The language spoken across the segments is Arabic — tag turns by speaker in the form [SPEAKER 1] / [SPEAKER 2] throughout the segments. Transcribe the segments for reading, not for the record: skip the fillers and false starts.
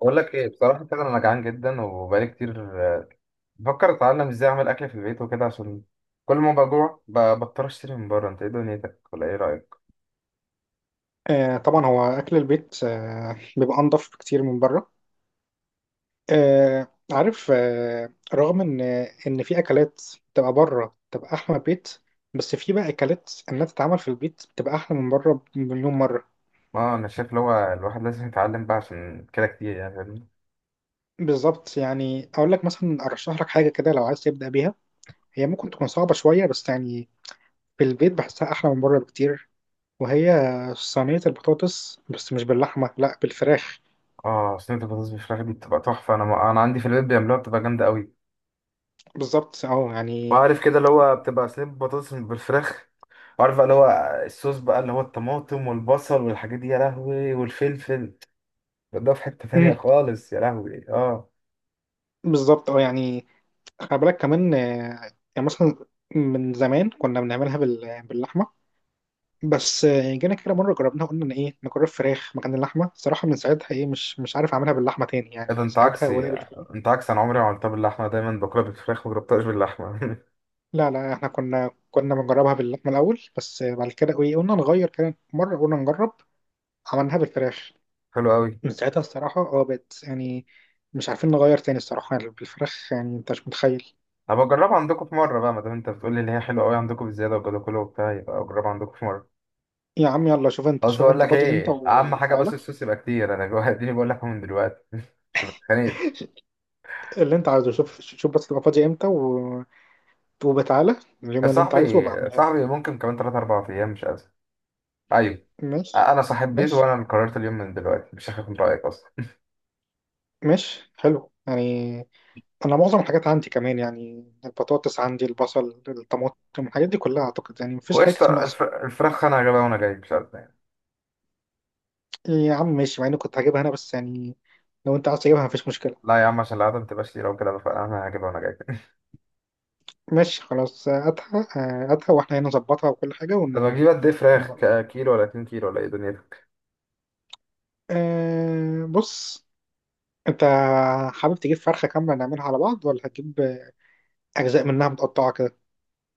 [SPEAKER 1] بقول لك ايه بصراحه كده. انا جعان جدا وبقالي كتير، بفكر اتعلم ازاي اعمل اكل في البيت وكده، عشان كل ما بجوع بضطر اشتري من بره. انت ايه دنيتك ولا ايه رايك؟
[SPEAKER 2] آه طبعا هو اكل البيت بيبقى انضف بكتير من بره. آه عارف. رغم ان في اكلات تبقى بره تبقى احلى من البيت، بس في بقى اكلات انها تتعمل في البيت بتبقى احلى من بره بمليون مره.
[SPEAKER 1] اه، انا شايف اللي هو الواحد لازم يتعلم بقى عشان كده كتير، يعني فاهمني.
[SPEAKER 2] بالظبط، يعني اقول لك مثلا ارشح لك حاجه كده لو عايز تبدا بيها. هي ممكن تكون صعبه شويه بس يعني في البيت بحسها احلى من بره بكتير، وهي صينيه البطاطس بس مش باللحمه، لا بالفراخ.
[SPEAKER 1] اه، صينيه البطاطس بالفراخ دي بتبقى تحفه. انا عندي في البيت بيعملوها، بتبقى جامده قوي.
[SPEAKER 2] بالظبط اه يعني.
[SPEAKER 1] وعارف كده اللي هو بتبقى صينيه بطاطس بالفراخ، وعارف بقى اللي هو الصوص بقى، اللي هو الطماطم والبصل والحاجات دي، يا لهوي، والفلفل ده في حته
[SPEAKER 2] مم،
[SPEAKER 1] تانيه خالص، يا لهوي اه.
[SPEAKER 2] بالظبط اه يعني خلي بالك كمان. يعني مثلا من زمان كنا بنعملها باللحمه، بس جينا كده مره جربناها قلنا ان ايه نجرب فراخ مكان اللحمه. صراحه من ساعتها ايه مش عارف اعملها باللحمه تاني،
[SPEAKER 1] إيه
[SPEAKER 2] يعني
[SPEAKER 1] ده،
[SPEAKER 2] من
[SPEAKER 1] انت
[SPEAKER 2] ساعتها
[SPEAKER 1] عكسي،
[SPEAKER 2] ولا بالفراخ.
[SPEAKER 1] انت عكسي. انا عمري ما عملتها باللحمه، دايما باكلها بالفراخ، ما جربتهاش باللحمه.
[SPEAKER 2] لا لا، احنا كنا بنجربها باللحمه الاول، بس بعد كده ايه قلنا نغير كده مره قلنا نجرب، عملناها بالفراخ.
[SPEAKER 1] حلو قوي.
[SPEAKER 2] من ساعتها الصراحه اه بقت يعني مش عارفين نغير تاني الصراحه، يعني بالفراخ يعني انت مش متخيل.
[SPEAKER 1] هبقى اجربها عندكم في مره بقى، ما دام انت بتقول لي ان هي حلوه قوي عندكم بزياده وكده كله وبتاع، يبقى اجربها عندكم في مره.
[SPEAKER 2] يا عم يلا شوف انت،
[SPEAKER 1] بس
[SPEAKER 2] شوف
[SPEAKER 1] بقول
[SPEAKER 2] انت
[SPEAKER 1] لك
[SPEAKER 2] فاضي امتى
[SPEAKER 1] ايه، اهم حاجه
[SPEAKER 2] وتعالى.
[SPEAKER 1] بس الصوص يبقى كتير، انا جوه. اديني بقول لك من دلوقتي. مش بتخانق.
[SPEAKER 2] اللي انت عايزه شوف شوف بس تبقى فاضي امتى و... وبتعالى اليوم
[SPEAKER 1] يا
[SPEAKER 2] اللي انت
[SPEAKER 1] صاحبي،
[SPEAKER 2] عايزه وبعملها لك.
[SPEAKER 1] صاحبي، ممكن كمان 3 4 ايام، مش ازمه. ايوه.
[SPEAKER 2] ماشي،
[SPEAKER 1] انا صاحب بيت،
[SPEAKER 2] ماشي،
[SPEAKER 1] وانا اللي قررت اليوم، من دلوقتي مش هاخد من رايك اصلا.
[SPEAKER 2] ماشي حلو يعني. انا معظم الحاجات عندي كمان، يعني البطاطس عندي، البصل، الطماطم، الحاجات دي كلها اعتقد يعني مفيش حاجه كتير
[SPEAKER 1] وقشطه،
[SPEAKER 2] ناقصه.
[SPEAKER 1] الفراخ انا هجيبها وانا جاي، مش ازمه يعني.
[SPEAKER 2] يا عم ماشي مع اني كنت هجيبها انا بس يعني، لو انت عايز تجيبها مفيش مشكله.
[SPEAKER 1] لا يا عم، عشان العادة ما تبقاش لي لو كده بقى، انا هجيبها وانا جاي.
[SPEAKER 2] ماشي خلاص هاتها، هاتها واحنا هنا نظبطها وكل حاجه
[SPEAKER 1] طب
[SPEAKER 2] ون...
[SPEAKER 1] اجيب قد ايه فراخ،
[SPEAKER 2] ونبقى
[SPEAKER 1] كيلو ولا 2 كيلو ولا ايه دنيتك؟
[SPEAKER 2] أه بص، انت حابب تجيب فرخه كامله نعملها على بعض ولا هتجيب اجزاء منها متقطعه كده.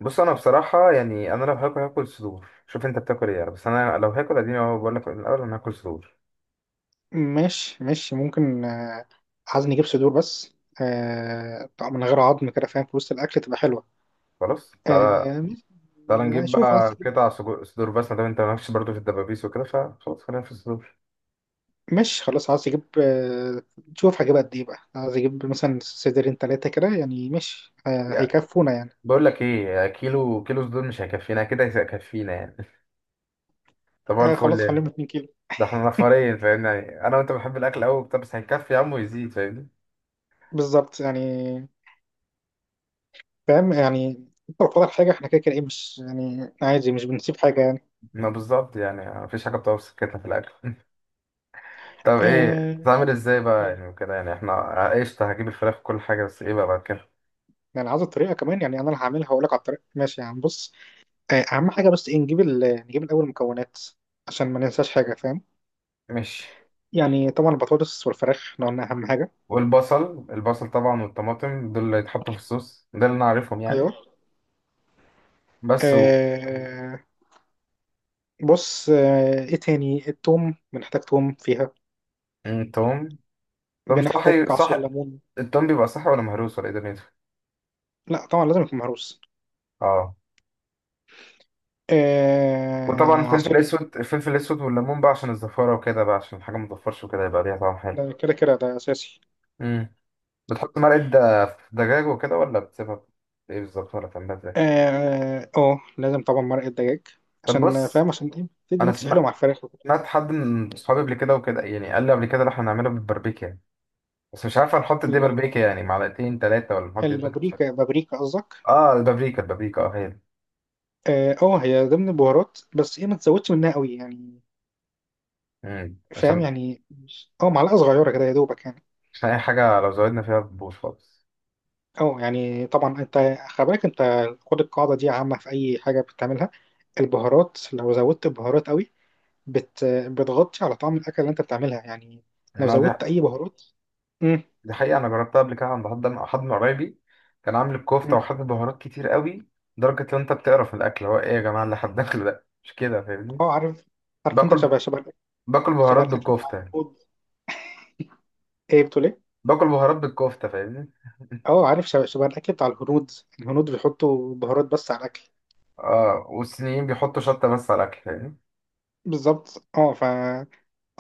[SPEAKER 1] بص، انا بصراحه يعني انا لو هاكل هاكل صدور، شوف انت بتاكل ايه يعني، بس انا لو هاكل، اديني اهو بقول لك من الاول، انا هاكل صدور.
[SPEAKER 2] ماشي، ماشي، ممكن عايز نجيب صدور بس. طبعا من غير عظم كده فاهم في وسط الأكل تبقى حلوة.
[SPEAKER 1] خلاص تعالى.
[SPEAKER 2] آه،
[SPEAKER 1] تعالى نجيب
[SPEAKER 2] ماشي. شوف عايز
[SPEAKER 1] بقى
[SPEAKER 2] تجيب.
[SPEAKER 1] قطع صدور بس، ما دام انت مالكش برضه في الدبابيس وكده، فخلاص خلينا في الصدور.
[SPEAKER 2] ماشي خلاص عايز تجيب. شوف هجيب قد ايه بقى، عايز اجيب مثلا صدرين تلاتة كده يعني ماشي
[SPEAKER 1] يعني
[SPEAKER 2] هيكفونا يعني.
[SPEAKER 1] بقول لك ايه، يعني كيلو صدور مش هيكفينا، كده هيكفينا يعني. طب هو الفل
[SPEAKER 2] خلاص
[SPEAKER 1] يعني.
[SPEAKER 2] خليهم 2 كيلو.
[SPEAKER 1] ده احنا نفرين فاهمني، يعني انا وانت بنحب الاكل قوي بتاع، بس هيكفي يا عم ويزيد، فاهمني.
[SPEAKER 2] بالظبط يعني، فاهم يعني انت لو فاضل حاجة احنا كده كده ايه مش يعني عادي، مش بنسيب حاجة يعني.
[SPEAKER 1] ما بالظبط يعني، مفيش حاجه بتوصل كده في الاكل. طب ايه،
[SPEAKER 2] آه،
[SPEAKER 1] بتعمل ازاي بقى يعني وكده، يعني احنا قشطة، هجيب الفراخ وكل حاجة، بس ايه بقى بعد كده؟
[SPEAKER 2] يعني عايز الطريقة كمان، يعني انا اللي هعملها واقول لك على الطريقة. ماشي يا عم بص. اهم حاجه بس ايه نجيب ال... نجيب الاول المكونات عشان ما ننساش حاجه، فاهم.
[SPEAKER 1] ماشي.
[SPEAKER 2] يعني طبعا البطاطس والفراخ احنا قلنا اهم حاجه.
[SPEAKER 1] والبصل، البصل طبعا والطماطم، دول اللي يتحطوا في الصوص ده، اللي انا عارفهم
[SPEAKER 2] ايوه.
[SPEAKER 1] يعني، بس
[SPEAKER 2] آه بص، ايه تاني، التوم بنحتاج توم فيها.
[SPEAKER 1] التوم التوم
[SPEAKER 2] بنحتاج
[SPEAKER 1] صحي
[SPEAKER 2] عصير
[SPEAKER 1] صح؟
[SPEAKER 2] ليمون.
[SPEAKER 1] التوم بيبقى صحي ولا مهروس، ولا ايه دنيته؟
[SPEAKER 2] لا طبعا لازم يكون مهروس.
[SPEAKER 1] اه. وطبعا
[SPEAKER 2] آه
[SPEAKER 1] الفلفل
[SPEAKER 2] عصير.
[SPEAKER 1] الاسود الفلفل الاسود والليمون بقى، عشان الزفارة وكده بقى، عشان الحاجة ما تزفرش وكده، يبقى ليها طعم حلو.
[SPEAKER 2] ده كده كده ده اساسي.
[SPEAKER 1] امم بتحط مرقة دجاج وكده، ولا بتسيبها ايه بالظبط، ولا بتعملها ازاي؟
[SPEAKER 2] اه، لازم طبعا مرقة دجاج،
[SPEAKER 1] طب
[SPEAKER 2] عشان فاهم،
[SPEAKER 1] بص.
[SPEAKER 2] عشان ايه تدي
[SPEAKER 1] انا
[SPEAKER 2] ميكس حلو
[SPEAKER 1] سمعت
[SPEAKER 2] مع الفراخ وكده.
[SPEAKER 1] سمعت حد من صحابي قبل كده وكده، يعني قال لي قبل كده، لو احنا هنعملها بالبربيكا يعني، بس مش عارف هنحط دي
[SPEAKER 2] الب-
[SPEAKER 1] بربيكا يعني معلقتين ثلاثة، ولا نحط قد ايه، ده مش عارف.
[SPEAKER 2] البابريكا، بابريكا قصدك.
[SPEAKER 1] اه، البابريكا اه، هي دي.
[SPEAKER 2] اه هي ضمن البهارات، بس ايه ما تزودش منها قوي يعني.
[SPEAKER 1] مم.
[SPEAKER 2] فاهم
[SPEAKER 1] عشان
[SPEAKER 2] يعني ماشي، اه معلقه صغيره كده يا دوبك يعني.
[SPEAKER 1] عشان اي حاجة لو زودنا فيها بتبوظ خالص.
[SPEAKER 2] اه يعني طبعا انت خلي بالك، انت خد القاعده دي عامه في اي حاجه بتعملها. البهارات لو زودت بهارات قوي بتغطي على طعم الاكل اللي انت بتعملها يعني. لو
[SPEAKER 1] انا دي
[SPEAKER 2] زودت اي بهارات. امم،
[SPEAKER 1] دي حقيقة، انا جربتها قبل كده عند حد من قرايبي، كان عامل الكفتة
[SPEAKER 2] امم.
[SPEAKER 1] وحاطط بهارات كتير قوي، لدرجة لو انت بتقرف من الاكل، هو ايه يا جماعة اللي هتدخله؟ ده مش كده فاهمني؟
[SPEAKER 2] اه عارف، انت
[SPEAKER 1] باكل
[SPEAKER 2] شبه شبه الأكل-
[SPEAKER 1] باكل
[SPEAKER 2] شبه
[SPEAKER 1] بهارات
[SPEAKER 2] الاكل بتاع
[SPEAKER 1] بالكفتة يعني.
[SPEAKER 2] الهنود. ايه بتقول ايه.
[SPEAKER 1] باكل بهارات بالكفتة، فاهمني.
[SPEAKER 2] اه عارف شبه الاكل بتاع الهنود. الهنود بيحطوا بهارات بس على الاكل.
[SPEAKER 1] اه، والصينيين بيحطوا شطة بس على الاكل،
[SPEAKER 2] بالظبط اه.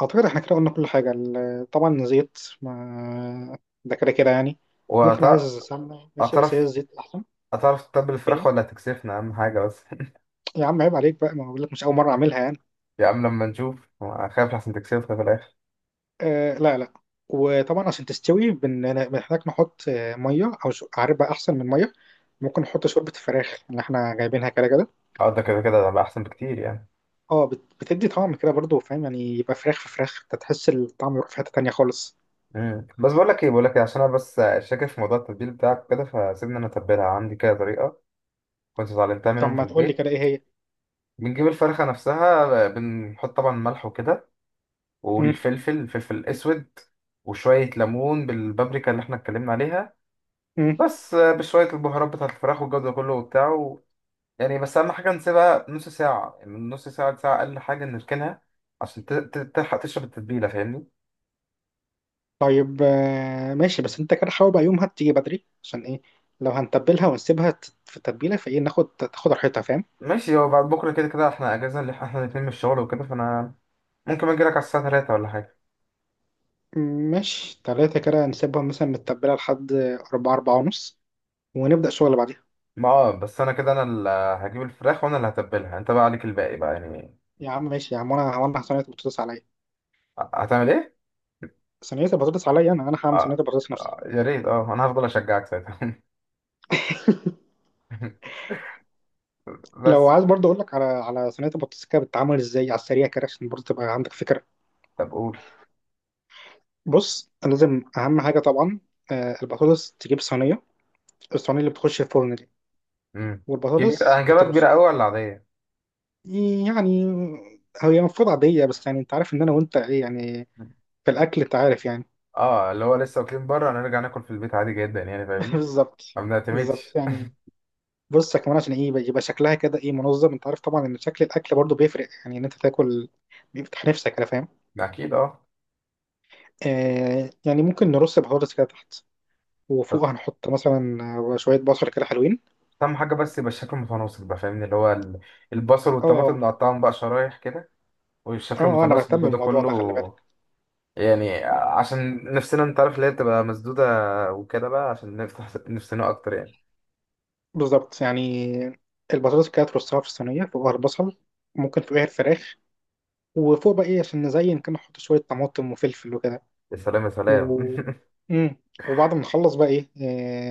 [SPEAKER 2] اعتقد احنا كده قلنا كل حاجه طبعا زيت، ما ده كده كده يعني.
[SPEAKER 1] فاهمني.
[SPEAKER 2] ممكن عايز سمنه ماشي بس هي
[SPEAKER 1] هتعرف
[SPEAKER 2] الزيت احسن.
[SPEAKER 1] هتعرف تتبل الفراخ
[SPEAKER 2] ايه.
[SPEAKER 1] ولا هتكسفنا، أهم حاجة بس.
[SPEAKER 2] يا عم عيب عليك بقى، ما بقول لك مش اول مره اعملها يعني.
[SPEAKER 1] يا عم لما نشوف، خايف لحسن تكسفنا في الآخر.
[SPEAKER 2] آه لا لا. وطبعا عشان تستوي بنحتاج نحط ميه او عارف بقى احسن من ميه، ممكن نحط شوربه الفراخ اللي احنا جايبينها كده كده.
[SPEAKER 1] اه، ده كده كده هيبقى أحسن بكتير يعني.
[SPEAKER 2] اه بتدي طعم كده برضو، فاهم يعني يبقى فراخ في فراخ انت تحس الطعم يروح في حته تانيه خالص.
[SPEAKER 1] مم. بس بقول لك ايه، عشان انا بس شاكك في موضوع التتبيل بتاعك كده، فسيبني انا اتبلها عندي كده، طريقه كنت اتعلمتها
[SPEAKER 2] طب
[SPEAKER 1] منهم في
[SPEAKER 2] ما تقول لي
[SPEAKER 1] البيت.
[SPEAKER 2] كده ايه هي.
[SPEAKER 1] بنجيب الفرخه نفسها، بنحط طبعا ملح وكده، والفلفل الاسود، وشويه ليمون بالبابريكا اللي احنا اتكلمنا عليها،
[SPEAKER 2] امم.
[SPEAKER 1] بس بشويه البهارات بتاعت الفراخ والجو ده كله وبتاع، يعني بس أهم حاجة نسيبها نص ساعة، يعني من نص ساعة لساعة، أقل حاجة نركنها، عشان تلحق تشرب التتبيلة، فاهمني.
[SPEAKER 2] طيب ماشي بس انت كده حاول بقى يومها تيجي بدري، عشان ايه لو هنتبلها ونسيبها في التتبيلة فايه تاخد راحتها فاهم.
[SPEAKER 1] ماشي، هو بعد بكرة كده كده احنا أجازة اللي احنا الاتنين من الشغل وكده، فأنا ممكن أجيلك على الساعة تلاتة ولا حاجة.
[SPEAKER 2] ماشي تلاتة كده نسيبها مثلا متبلة لحد أربعة، أربعة ونص، ونبدأ شغل بعديها.
[SPEAKER 1] ما بس أنا كده، أنا اللي هجيب الفراخ، وأنا اللي هتبلها، أنت بقى عليك الباقي بقى يعني.
[SPEAKER 2] يا عم ماشي يا عم، وأنا صينية البطاطس عليا.
[SPEAKER 1] هتعمل إيه؟
[SPEAKER 2] صينية البطاطس عليا، أنا هعمل صينية
[SPEAKER 1] آه.
[SPEAKER 2] البطاطس نفسها.
[SPEAKER 1] آه، يا ريت. اه أنا هفضل أشجعك ساعتها.
[SPEAKER 2] لو
[SPEAKER 1] بس
[SPEAKER 2] عايز برضه أقول لك على صينية البطاطس كده بتتعمل إزاي على السريع كده عشان برضه تبقى عندك فكرة.
[SPEAKER 1] طب قول.
[SPEAKER 2] بص لازم أهم حاجة طبعا البطاطس تجيب صينية، الصينية اللي بتخش الفرن دي،
[SPEAKER 1] مم. كبيرة،
[SPEAKER 2] والبطاطس
[SPEAKER 1] هنجيبها كبيرة
[SPEAKER 2] بترص.
[SPEAKER 1] أوي ولا عادية؟
[SPEAKER 2] يعني هي المفروض عادية، بس يعني انت عارف ان انا وانت ايه يعني في الاكل، انت عارف يعني.
[SPEAKER 1] اه، اللي هو لسه واكلين بره، هنرجع ناكل في البيت عادي جدا يعني، فاهمني.
[SPEAKER 2] بالظبط.
[SPEAKER 1] ما
[SPEAKER 2] بالظط
[SPEAKER 1] بنعتمدش.
[SPEAKER 2] يعني. بص يا كمان عشان ايه يبقى شكلها كده ايه منظم، انت عارف طبعا ان شكل الاكل برضو بيفرق، يعني ان انت تاكل بيفتح نفسك، انا فاهم.
[SPEAKER 1] ده اكيد اه.
[SPEAKER 2] آه يعني ممكن نرص بطاطس كده تحت،
[SPEAKER 1] بس
[SPEAKER 2] وفوق هنحط مثلا شوية بصل كده حلوين.
[SPEAKER 1] اهم حاجه، بس يبقى الشكل متناسق بقى، فاهمني اللي هو البصل والطماطم
[SPEAKER 2] اه،
[SPEAKER 1] نقطعهم بقى شرايح كده،
[SPEAKER 2] اه،
[SPEAKER 1] والشكل
[SPEAKER 2] انا
[SPEAKER 1] متناسق،
[SPEAKER 2] بهتم
[SPEAKER 1] يبقى ده
[SPEAKER 2] بالموضوع
[SPEAKER 1] كله،
[SPEAKER 2] ده خلي بالك.
[SPEAKER 1] يعني عشان نفسنا، انت عارف اللي هي بتبقى مسدوده وكده بقى، عشان نفتح نفسنا اكتر يعني.
[SPEAKER 2] بالظبط يعني، البطاطس كده ترصها في الصينية فوقها البصل، ممكن فوقها الفراخ، وفوق بقى ايه عشان نزين كده نحط شوية طماطم وفلفل وكده
[SPEAKER 1] يا سلام، يا سلام.
[SPEAKER 2] و... مم. وبعد ما نخلص بقى ايه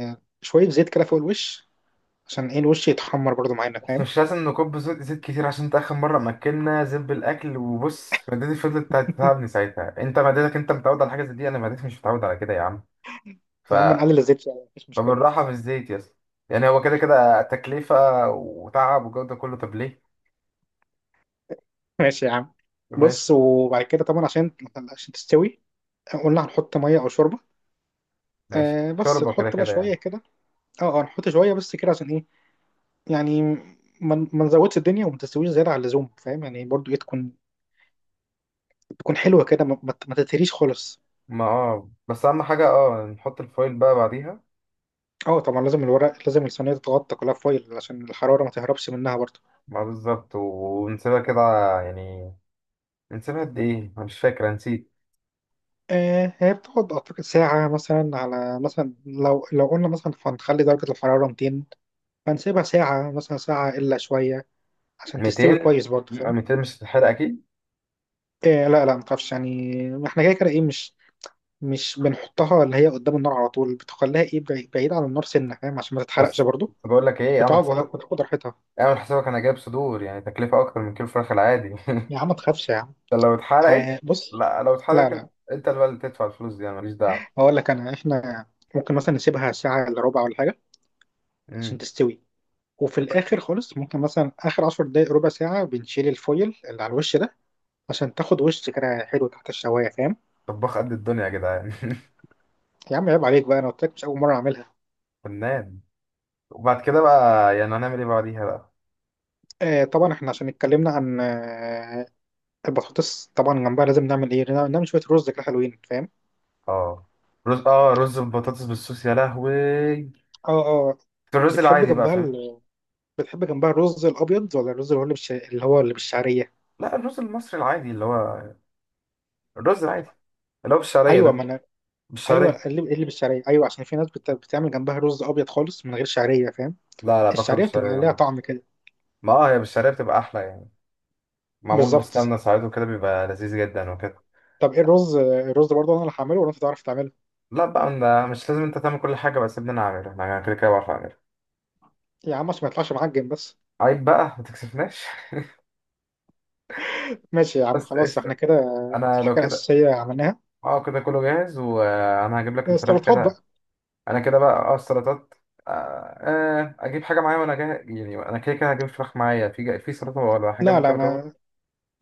[SPEAKER 2] شوية زيت كده فوق الوش، عشان ايه الوش يتحمر برضو معانا
[SPEAKER 1] بس
[SPEAKER 2] فاهم.
[SPEAKER 1] مش لازم نكب زيت، زيت كتير، عشان انت اخر مره ما اكلنا زب الاكل، وبص معدتي فضلت تتعبني ساعتها. انت معدتك انت متعود على حاجه زي دي، انا معدتي مش متعود على كده يا عم، ف...
[SPEAKER 2] يا عم نقلل الزيت شوية مفيش مشكلة.
[SPEAKER 1] فبالراحة في الزيت يا اسطى، يعني هو كده كده تكلفة وتعب والجو ده كله، طب ليه؟
[SPEAKER 2] ماشي يا عم.
[SPEAKER 1] ماشي.
[SPEAKER 2] بص وبعد كده طبعا عشان تستوي قلنا هنحط مية أو شوربة.
[SPEAKER 1] ماشي
[SPEAKER 2] آه بس
[SPEAKER 1] شوربة، كده
[SPEAKER 2] تحط بقى
[SPEAKER 1] كده
[SPEAKER 2] شوية
[SPEAKER 1] يعني.
[SPEAKER 2] كده. اه، اه نحط شوية بس كده عشان ايه، يعني ما نزودش الدنيا وما تستويش زيادة عن اللزوم، فاهم يعني برضو ايه تكون حلوة كده، ما تتهريش خالص.
[SPEAKER 1] ما بس أهم حاجة، نحط الفايل بقى بعديها.
[SPEAKER 2] اه طبعا لازم الورق، لازم الصينية تتغطى كلها فويل عشان الحرارة ما تهربش منها برضه.
[SPEAKER 1] ما بالظبط، ونسيبها كده يعني، نسيبها قد ايه؟ أنا مش فاكر، أنا نسيت.
[SPEAKER 2] آه هي بتقعد أعتقد ساعة مثلا على مثلا لو قلنا مثلا هنخلي درجة الحرارة 200، فنسيبها ساعة مثلا ساعة إلا شوية عشان تستوي
[SPEAKER 1] 200
[SPEAKER 2] كويس برضه فاهم.
[SPEAKER 1] 200 مش هتتحرق أكيد؟
[SPEAKER 2] آه لا لا متعرفش يعني، ما احنا كده كده إيه مش بنحطها اللي هي قدام النار على طول، بتخليها إيه بعيد عن النار سنة، فاهم، عشان ما تتحرقش
[SPEAKER 1] بس
[SPEAKER 2] برضه.
[SPEAKER 1] بس بقول لك ايه، اعمل
[SPEAKER 2] بتقعد
[SPEAKER 1] حسابك
[SPEAKER 2] وتاخد راحتها.
[SPEAKER 1] اعمل حسابك أنا جايب صدور، يعني تكلفة أكتر من كيلو فراخ العادي.
[SPEAKER 2] يا عم ما تخافش يا عم.
[SPEAKER 1] ده لو اتحرقت.
[SPEAKER 2] آه بص
[SPEAKER 1] لا، لو
[SPEAKER 2] لا
[SPEAKER 1] اتحرقت انت،
[SPEAKER 2] لا،
[SPEAKER 1] أنت اللي بقى اللي تدفع الفلوس دي، أنا ماليش دعوة.
[SPEAKER 2] هقول لك انا احنا ممكن مثلا نسيبها ساعة الا ربع ولا حاجة عشان
[SPEAKER 1] مم.
[SPEAKER 2] تستوي. وفي الاخر خالص ممكن مثلا اخر عشر دقايق ربع ساعة بنشيل الفويل اللي على الوش ده عشان تاخد وش كده حلو تحت الشواية، فاهم.
[SPEAKER 1] طباخ قد الدنيا يا جدعان.
[SPEAKER 2] يا عم عيب عليك بقى، انا قلت لك مش اول مرة اعملها.
[SPEAKER 1] فنان. وبعد كده بقى، يعني هنعمل ايه بعديها بقى؟
[SPEAKER 2] طبعا احنا عشان اتكلمنا عن البطاطس، طبعا جنبها لازم نعمل ايه نعمل شوية رز كده حلوين، فاهم.
[SPEAKER 1] اه رز، بطاطس بالصوص، يا لهوي.
[SPEAKER 2] اه، اه.
[SPEAKER 1] ده الرز
[SPEAKER 2] بتحب
[SPEAKER 1] العادي بقى،
[SPEAKER 2] جنبها
[SPEAKER 1] فاهم؟
[SPEAKER 2] ال... بتحب جنبها الرز الابيض ولا الرز اللي هو اللي بالش... اللي هو اللي بالشعرية.
[SPEAKER 1] لا، الرز المصري العادي اللي هو الرز العادي، اللي هو بالشعرية
[SPEAKER 2] ايوه ما
[SPEAKER 1] ده.
[SPEAKER 2] انا. ايوه
[SPEAKER 1] بالشعرية؟
[SPEAKER 2] قلب قلب الشعريه، ايوه عشان في ناس بت... بتعمل جنبها رز ابيض خالص من غير شعريه فاهم.
[SPEAKER 1] لا لا، باكله
[SPEAKER 2] الشعريه
[SPEAKER 1] بالشعرية
[SPEAKER 2] بتبقى ليها
[SPEAKER 1] جامد.
[SPEAKER 2] طعم كده.
[SPEAKER 1] ما اه، هي بالشعرية بتبقى أحلى يعني، معمول
[SPEAKER 2] بالظبط.
[SPEAKER 1] بالسمنة ساعات وكده، بيبقى لذيذ جدا وكده.
[SPEAKER 2] طب ايه الرز، برضه انا اللي هعمله ولا انت تعرف تعمله.
[SPEAKER 1] لا بقى، أنا مش لازم أنت تعمل كل حاجة، بس سيبني أنا أعملها، أنا كده كده بعرف أعملها.
[SPEAKER 2] يا عم عشان ما يطلعش معجن بس.
[SPEAKER 1] عيب بقى ما تكسفناش.
[SPEAKER 2] ماشي يا عم
[SPEAKER 1] بس
[SPEAKER 2] خلاص احنا
[SPEAKER 1] قشطة.
[SPEAKER 2] كده
[SPEAKER 1] أنا لو
[SPEAKER 2] الحاجه
[SPEAKER 1] كده.
[SPEAKER 2] الاساسيه عملناها.
[SPEAKER 1] اه، كده كله جاهز، وانا هجيب لك الفراخ
[SPEAKER 2] السلطات بقى.
[SPEAKER 1] كده. انا كده بقى، السلطات. آه، آه، اجيب حاجه معايا وانا جاهز، يعني انا كده كده هجيب فراخ معايا، في سلطه ولا حاجه
[SPEAKER 2] لا
[SPEAKER 1] ممكن
[SPEAKER 2] لا،
[SPEAKER 1] اجرب.
[SPEAKER 2] ما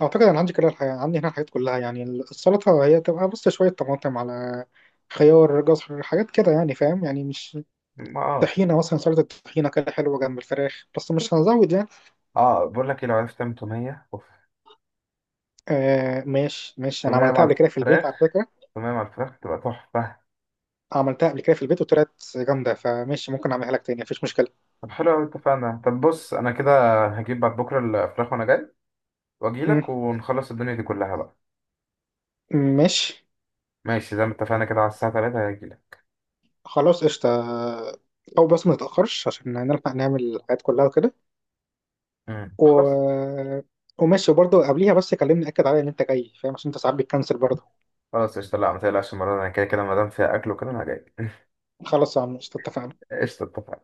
[SPEAKER 2] اعتقد انا عندي كده الحاجة، عندي هنا الحاجات كلها يعني. السلطه هي تبقى بس شويه طماطم، على خيار، جزر، حاجات كده يعني فاهم، يعني مش
[SPEAKER 1] ما اه،
[SPEAKER 2] طحينه مثلا، سلطه طحينه كده حلوه جنب الفراخ، بس مش هنزود يعني.
[SPEAKER 1] اه بقول لك ايه، لو عرفت تعمل توميه، اوف.
[SPEAKER 2] آه ماشي ماشي، انا
[SPEAKER 1] توميه مع
[SPEAKER 2] عملتها قبل كده في البيت
[SPEAKER 1] الفراخ
[SPEAKER 2] على فكره،
[SPEAKER 1] توميه مع الفراخ تبقى تحفه.
[SPEAKER 2] عملتها قبل كده في البيت وطلعت جامده فماشي ممكن اعملها لك تاني مفيش مشكله.
[SPEAKER 1] طب حلو قوي، اتفقنا. طب بص، انا كده هجيب بعد بكره الفراخ وانا جاي، واجي
[SPEAKER 2] مم،
[SPEAKER 1] لك ونخلص الدنيا دي كلها بقى.
[SPEAKER 2] ماشي.
[SPEAKER 1] ماشي، زي ما اتفقنا كده، على الساعه 3 هاجي لك.
[SPEAKER 2] خلاص قشطه، او بس ما نتاخرش عشان نلحق نعمل الحاجات كلها وكده
[SPEAKER 1] مم. خلاص.
[SPEAKER 2] و... وماشي، وبرضه قبليها بس كلمني اكد عليا ان انت جاي، فاهم عشان انت ساعات بتكنسل برضه.
[SPEAKER 1] خلاص قشطة، لا ما تقلقش المرة دي، انا كده كده ما دام فيها اكل وكده، انا جاي.
[SPEAKER 2] خلاص يا عم قشطه اتفقنا.
[SPEAKER 1] قشطة، اتفقنا.